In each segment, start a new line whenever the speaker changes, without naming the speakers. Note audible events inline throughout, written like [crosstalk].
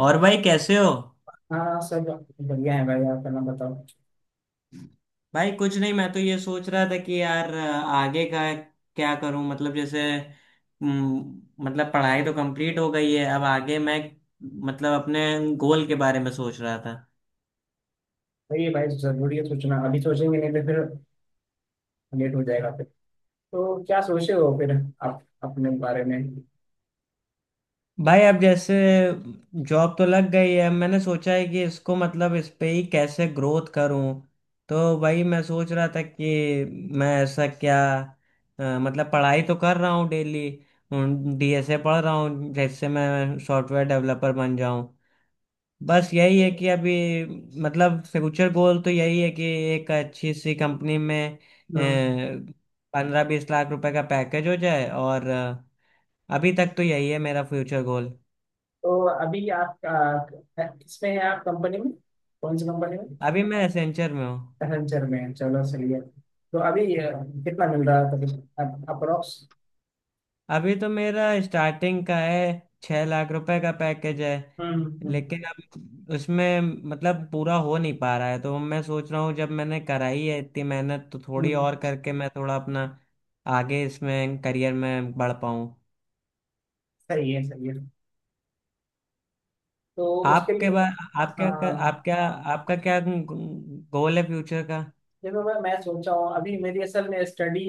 और भाई कैसे हो?
हाँ, सब बढ़िया है भाई। आप अपना बताओ।
भाई कुछ नहीं, मैं तो ये सोच रहा था कि यार आगे का क्या करूं। मतलब जैसे मतलब पढ़ाई तो कंप्लीट हो गई है। अब आगे मैं मतलब अपने गोल के बारे में सोच रहा था।
वही है भाई, जरूरी है सोचना। अभी सोचेंगे नहीं तो फिर लेट हो जाएगा। फिर तो क्या सोचे हो फिर आप अपने बारे में?
भाई अब जैसे जॉब तो लग गई है। मैंने सोचा है कि इसको मतलब इस पे ही कैसे ग्रोथ करूं। तो भाई मैं सोच रहा था कि मैं ऐसा क्या मतलब पढ़ाई तो कर रहा हूँ डेली। डीएसए पढ़ रहा हूँ, जैसे मैं सॉफ्टवेयर डेवलपर बन जाऊं। बस यही है कि अभी मतलब फ्यूचर गोल तो यही है कि एक अच्छी सी कंपनी में
हम्म।
15-20 लाख रुपए का पैकेज हो जाए और अभी तक तो यही है मेरा फ्यूचर गोल।
तो अभी आप किसमें है, आप कंपनी में? कौन सी कंपनी में?
अभी मैं एसेंचर में हूँ।
पैसेंजर में हैं। चलो सही है। तो अभी कितना मिल रहा है अप्रोक्स?
अभी तो मेरा स्टार्टिंग का है, 6 लाख रुपए का पैकेज है।
हम्म
लेकिन
हम्म
अब उसमें मतलब पूरा हो नहीं पा रहा है, तो मैं सोच रहा हूँ जब मैंने कराई है इतनी मेहनत तो थोड़ी
हम्म,
और करके मैं थोड़ा अपना आगे इसमें करियर में बढ़ पाऊँ।
सही है, सही है। तो उसके
आपके
लिए
बार
हाँ,
आप क्या आपका क्या गोल है फ्यूचर का?
देखो मैं सोचा हूँ अभी मेरी असल में स्टडी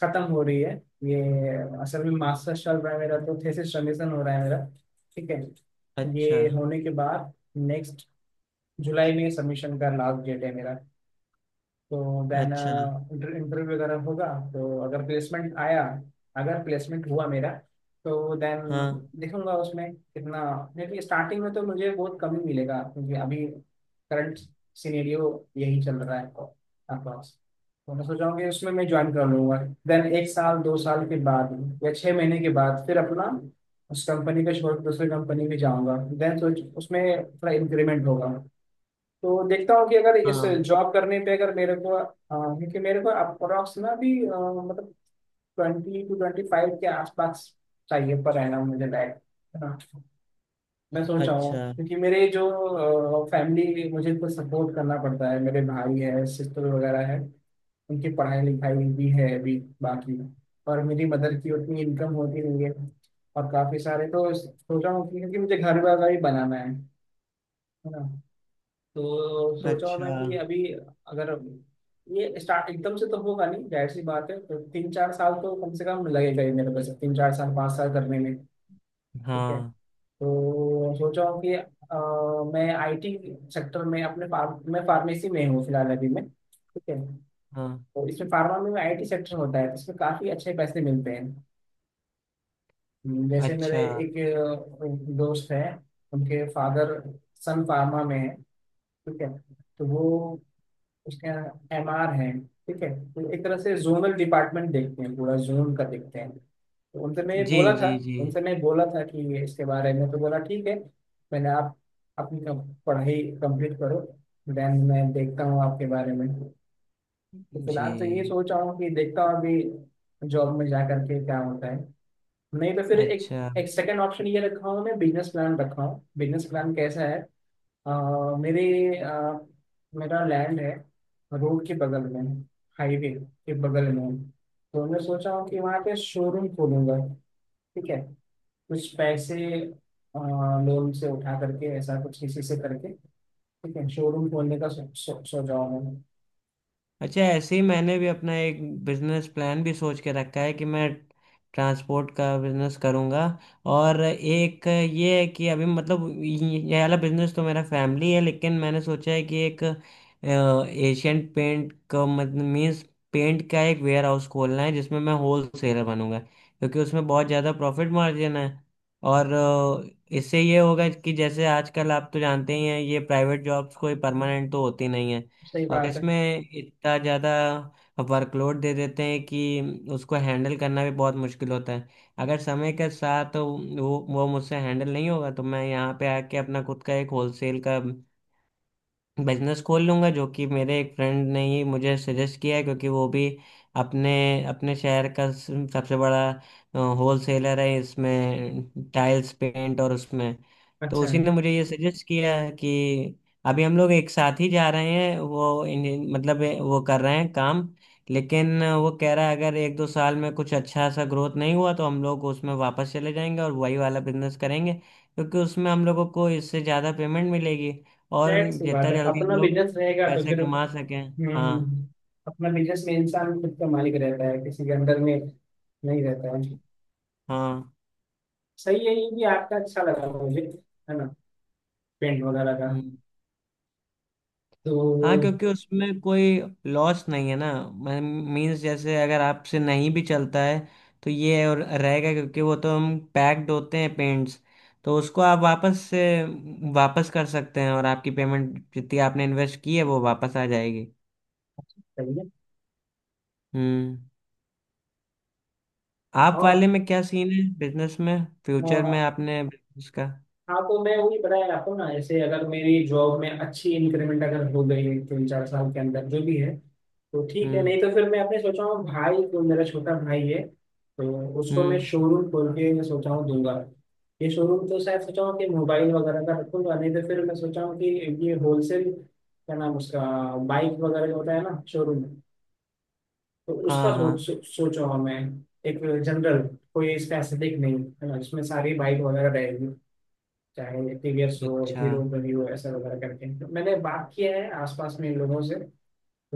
खत्म हो रही है। ये असल में मास्टर्स चल रहा है मेरा, तो थेसिस सबमिशन हो रहा है मेरा। ठीक है।
अच्छा।
ये होने के बाद नेक्स्ट जुलाई में सबमिशन का लास्ट डेट है मेरा। तो देन
अच्छा।
इंटरव्यू वगैरह होगा। तो अगर प्लेसमेंट आया, अगर प्लेसमेंट हुआ मेरा तो देन
हाँ,
देखूंगा उसमें कितना, क्योंकि स्टार्टिंग में तो मुझे बहुत कम ही मिलेगा, क्योंकि अभी करंट सिनेरियो यही चल रहा है अप्रॉक्स। तो मैं सोचा हूं कि उसमें मैं ज्वाइन कर लूंगा। देन एक साल दो साल के बाद या 6 महीने के बाद फिर अपना उस कंपनी को छोड़ के दूसरी कंपनी में जाऊंगा। देन सोच उसमें थोड़ा इंक्रीमेंट होगा। तो देखता हूँ कि अगर इस
हाँ।
जॉब करने पे अगर मेरे को क्योंकि मेरे को अप्रोक्स ना भी मतलब 22-25 के आसपास चाहिए पर रहना मुझे, लाइक हाँ, मैं सोच रहा हूँ,
अच्छा।
क्योंकि मेरे जो फैमिली, मुझे इनको सपोर्ट करना पड़ता है। मेरे भाई है, सिस्टर वगैरह है। उनकी पढ़ाई लिखाई भी है अभी बाकी। और मेरी मदर की उतनी इनकम होती नहीं है और काफी सारे, तो सोच रहा हूँ कि- क्योंकि मुझे घर वगैरह भी बनाना है ना। तो सोचा हुआ
अच्छा।
मैं कि अभी अगर ये स्टार्ट एकदम से तो होगा नहीं, जाहिर सी बात है। तो तीन चार साल तो कम से कम लगेगा ही मेरे पास, 3-4 साल 5 साल करने में। ठीक है।
हाँ,
तो सोचा हूँ कि मैं आईटी सेक्टर में अपने फार्म, मैं फार्मेसी में हूँ फिलहाल अभी मैं, ठीक है।
हाँ।
तो इसमें फार्मा में आईटी सेक्टर होता है, तो इसमें काफ़ी अच्छे पैसे मिलते हैं। जैसे मेरे
अच्छा।
एक दोस्त है। उनके फादर सन फार्मा में है, ठीक है। तो वो उसके यहाँ MR है। ठीक है, तो एक तरह से जोनल डिपार्टमेंट देखते हैं, पूरा जोन का देखते हैं। तो उनसे मैं ये
जी,
बोला था,
जी। जी,
उनसे मैं बोला था कि ये इसके बारे में, तो बोला ठीक है। मैंने आप अपनी पढ़ाई कंप्लीट करो, देन मैं देखता हूँ आपके बारे में। तो फिलहाल तो ये
जी।
सोच रहा हूँ कि देखता हूँ अभी जॉब में जा करके क्या होता है। नहीं तो फिर एक
अच्छा।
एक सेकेंड ऑप्शन ये रखा हूँ मैं, बिजनेस प्लान रखा हूँ। बिजनेस प्लान कैसा है, अ, मेरे अ, मेरा लैंड है रोड के बगल में, हाईवे के बगल में। तो मैं सोचा हूँ कि वहाँ पे शोरूम खोलूंगा, ठीक है। कुछ पैसे लोन से उठा करके, ऐसा कुछ किसी से करके, ठीक है, शोरूम खोलने का सोचा हूँ मैंने।
अच्छा, ऐसे ही मैंने भी अपना एक बिजनेस प्लान भी सोच के रखा है कि मैं ट्रांसपोर्ट का बिजनेस करूंगा। और एक ये है कि अभी मतलब ये वाला बिजनेस तो मेरा फैमिली है, लेकिन मैंने सोचा है कि एक एशियन पेंट का मतलब मीन्स पेंट का एक वेयर हाउस खोलना है, जिसमें मैं होल सेलर बनूंगा क्योंकि उसमें बहुत ज़्यादा प्रॉफिट मार्जिन है। और इससे ये होगा कि जैसे आजकल आप तो जानते ही हैं, ये प्राइवेट जॉब्स कोई परमानेंट तो होती नहीं है।
सही
और
बात है।
इसमें इतना ज़्यादा वर्कलोड दे देते हैं कि उसको हैंडल करना भी बहुत मुश्किल होता है। अगर समय के साथ वो मुझसे हैंडल नहीं होगा, तो मैं यहाँ पे आके अपना खुद का एक होलसेल का बिजनेस खोल लूंगा, जो कि मेरे एक फ्रेंड ने ही मुझे सजेस्ट किया है, क्योंकि वो भी अपने अपने शहर का सबसे बड़ा होल सेलर है इसमें, टाइल्स पेंट और उसमें। तो
अच्छा।
उसी ने मुझे ये सजेस्ट किया है कि अभी हम लोग एक साथ ही जा रहे हैं, वो मतलब वो कर रहे हैं काम। लेकिन वो कह रहा है अगर 1-2 साल में कुछ अच्छा सा ग्रोथ नहीं हुआ तो हम लोग उसमें वापस चले जाएंगे और वही वाला बिजनेस करेंगे, क्योंकि उसमें हम लोगों को इससे ज़्यादा पेमेंट मिलेगी। और
जाहिर सी
जितना
बात है
जल्दी हम
अपना
लोग
बिजनेस रहेगा तो
पैसे
फिर
कमा सकें।
हम्म। हम्म।
हाँ,
हम्म, अपना बिजनेस में इंसान खुद का मालिक रहता है, किसी के अंदर में नहीं रहता है।
हाँ।
सही है, ये भी आपका अच्छा लगा मुझे, है ना, पेंट वगैरह का।
हम्म।
तो वो
हाँ, क्योंकि उसमें कोई लॉस नहीं है ना। मीन्स जैसे अगर आपसे नहीं भी चलता है तो ये और रहेगा, क्योंकि वो तो हम पैक्ड होते हैं पेंट्स। तो उसको आप वापस से वापस कर सकते हैं और आपकी पेमेंट जितनी आपने इन्वेस्ट की है वो वापस आ जाएगी।
सही है।
हम्म। आप
और
वाले में क्या सीन है बिजनेस में,
अ,
फ्यूचर में आपने बिजनेस का?
हाँ तो मैं वही बताया आपको ना, ऐसे अगर मेरी जॉब में अच्छी इंक्रीमेंट अगर हो गई है तीन चार साल के अंदर जो भी है, तो ठीक है।
हम्म,
नहीं तो फिर मैं अपने सोचा हूँ, भाई जो मेरा छोटा भाई है, तो उसको मैं
हम्म।
शोरूम खोल के मैं सोचा हूँ दूंगा। ये शोरूम तो शायद सोचा हूँ कि मोबाइल वगैरह का रखूंगा, नहीं तो फिर मैं सोचा हूँ कि ये होलसेल, क्या नाम उसका, बाइक वगैरह जो होता है ना शोरूम, तो उसका
हाँ,
सोच
हाँ।
सोच- सोचा हुआ मैं, एक जनरल, कोई इसका एस्थेटिक नहीं, है ना, जिसमें सारी बाइक वगैरह रहेगी, चाहे टीवीएस हो,
अच्छा।
हीरो, हीरो ऐसा वगैरह करके। तो मैंने बात किया है आसपास में इन लोगों से, तो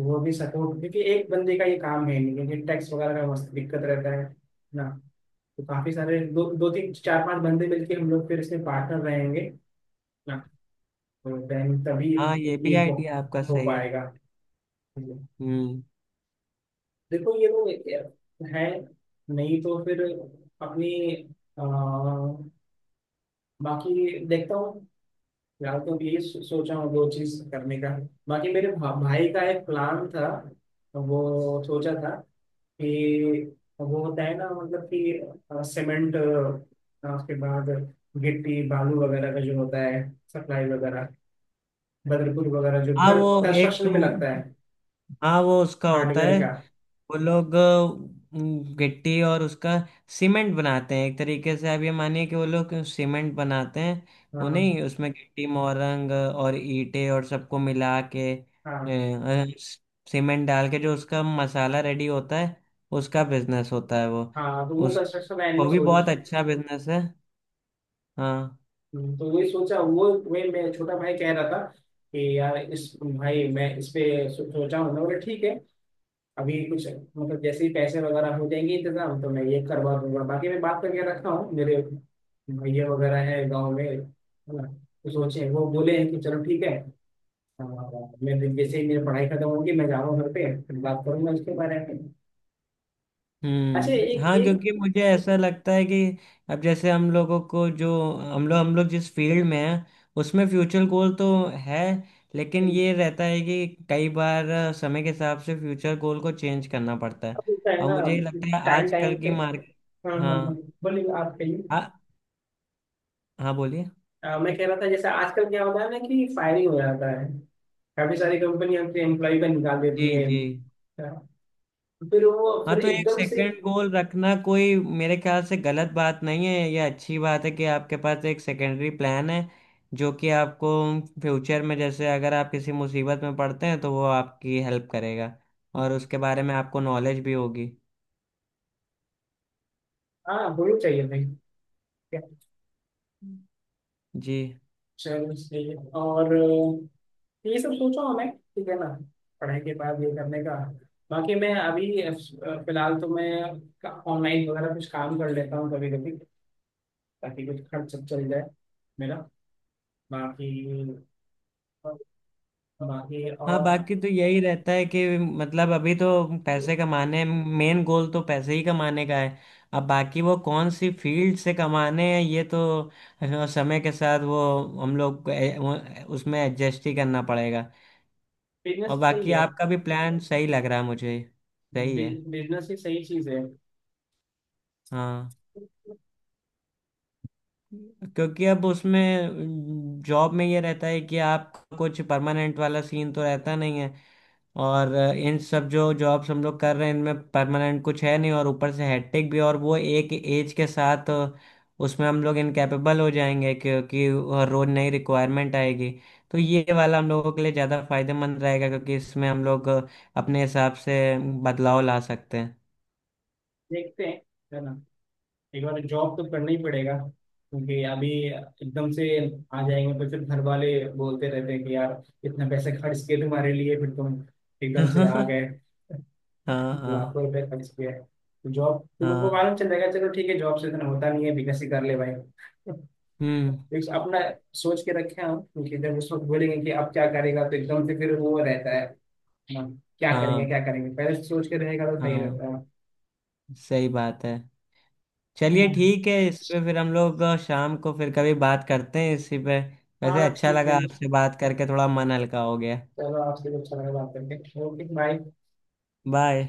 वो भी सपोर्ट, क्योंकि एक बंदे का ये काम है नहीं, क्योंकि टैक्स वगैरह का मस्त दिक्कत रहता है ना। तो काफी सारे 2-2 3 4 5 बंदे मिलके हम लोग फिर इसमें पार्टनर रहेंगे ना, तो then तभी
हाँ, ये भी
ये
आइडिया आपका
हो
सही है।
पाएगा।
हम्म।
देखो ये लोग एक- हैं। नहीं तो फिर अपनी आ, बाकी देखता हूँ यार। तो ये सोचा हूँ दो चीज करने का। बाकी मेरे भाई का एक प्लान था। वो सोचा था कि वो होता है ना मतलब कि सीमेंट, उसके बाद गिट्टी बालू वगैरह का जो होता है सप्लाई वगैरह, बदरपुर वगैरह जो
हाँ,
घर
वो एक।
कंस्ट्रक्शन में लगता है,
हाँ, वो उसका होता
हार्डवेयर
है।
का।
वो लोग गिट्टी और उसका सीमेंट बनाते हैं, एक तरीके से आप ये मानिए कि वो लोग सीमेंट बनाते हैं। वो
हाँ
नहीं, उसमें गिट्टी मोरंग और ईंटें और सबको मिला के
हाँ
सीमेंट डाल के जो उसका मसाला रेडी होता है, उसका बिजनेस होता है वो।
हाँ, तो वो
उस
कंस्ट्रक्शन लाइन
वो
में
भी
सोच।
बहुत अच्छा बिजनेस है। हाँ।
तो वही सोचा, वो वही मैं छोटा भाई कह रहा था कि यार इस, भाई मैं इस पे सोचा हूँ। मैं बोला ठीक है, अभी कुछ मतलब जैसे ही पैसे वगैरह हो जाएंगे इंतजाम, तो मैं ये करवा दूंगा। बाकी मैं बात करके रखा हूँ, मेरे भैया वगैरह है, गाँव में है ना, तो सोचे वो बोले हैं कि चलो ठीक है। हाँ, जैसे ही मेरी पढ़ाई खत्म होगी मैं जा रहा हूँ घर पे, फिर बात करूंगा उसके बारे में। अच्छा,
हम्म।
एक
हाँ, क्योंकि
एक।
मुझे ऐसा लगता है कि अब जैसे हम लोगों को जो हम लोग जिस फील्ड में हैं उसमें फ्यूचर गोल तो है, लेकिन ये रहता है कि कई बार समय के हिसाब से फ्यूचर गोल को चेंज करना पड़ता
अब
है।
होता है
और
ना,
मुझे ये लगता है
टाइम टाइम
आजकल
पे।
की मार्केट।
हाँ हाँ हाँ,
हाँ,
बोलिए आप, कहिए।
हाँ, हाँ। बोलिए।
मैं कह रहा था जैसे आजकल क्या होता है ना कि फायरिंग हो जाता है, काफी सारी कंपनी अपने एम्प्लॉय का निकाल देती
जी,
है।
जी।
हाँ, फिर वो
हाँ,
फिर
तो एक
एकदम से।
सेकंड गोल रखना कोई मेरे ख्याल से गलत बात नहीं है। यह अच्छी बात है कि आपके पास एक सेकेंडरी प्लान है, जो कि आपको फ्यूचर में जैसे अगर आप किसी मुसीबत में पड़ते हैं तो वो आपकी हेल्प करेगा, और उसके बारे में आपको नॉलेज भी होगी।
हाँ, होनी चाहिए भाई। क्या-
जी।
चलो सही है। और ये सब सोचा हमें, ठीक है ना, पढ़ाई के बाद ये करने का। बाकी मैं अभी फिलहाल तो मैं ऑनलाइन वगैरह कुछ काम कर लेता हूँ कभी कभी, ताकि कुछ खर्च सब चल जाए मेरा। बाकी, बाकी
हाँ,
और,
बाकी तो यही रहता है कि मतलब अभी तो पैसे कमाने, मेन गोल तो पैसे ही कमाने का है। अब बाकी वो कौन सी फील्ड से कमाने हैं ये तो समय के साथ वो हम लोग को उसमें एडजस्ट ही करना पड़ेगा। और
बिजनेस सही
बाकी
है,
आपका भी प्लान सही लग रहा है मुझे। सही है।
बिजनेस ही सही चीज है।
हाँ, क्योंकि अब उसमें जॉब में ये रहता है कि आप कुछ परमानेंट वाला सीन तो रहता नहीं है। और इन सब जो जॉब्स हम लोग कर रहे हैं इनमें परमानेंट कुछ है नहीं, और ऊपर से हैट्रिक भी, और वो एक एज के साथ उसमें हम लोग इनकैपेबल हो जाएंगे, क्योंकि रोज नई रिक्वायरमेंट आएगी। तो ये वाला हम लोगों के लिए ज़्यादा फायदेमंद रहेगा, क्योंकि इसमें हम लोग अपने हिसाब से बदलाव ला सकते हैं।
देखते हैं, है ना, एक बार जॉब तो करना ही पड़ेगा, क्योंकि अभी एकदम से आ जाएंगे तो फिर घर वाले बोलते रहते हैं कि यार इतना पैसे खर्च किए तुम्हारे लिए, फिर तुम एकदम से आ
[laughs]
गए,
हाँ, हाँ,
लाखों रुपए खर्च किए। तो जॉब फिर उनको
हाँ।
मालूम चल जाएगा, चलो ठीक है जॉब से इतना होता नहीं है, बिजनेस ही कर ले भाई।
हम्म।
एक अपना सोच के रखे हम, क्योंकि जब उस वक्त बोलेंगे कि अब क्या करेगा, तो एकदम से फिर वो रहता है, हाँ, क्या करेंगे
हाँ,
क्या करेंगे। पहले से सोच के रहेगा तो सही
हाँ,
रहता है।
सही बात है। चलिए,
हाँ
ठीक है, इस पे फिर हम लोग शाम को फिर कभी बात करते हैं इसी पे। वैसे
हाँ
अच्छा
ठीक
लगा
है,
आपसे बात करके, थोड़ा मन हल्का हो गया।
चलो आपसे कुछ समय बात करके, ओके बाय।
बाय।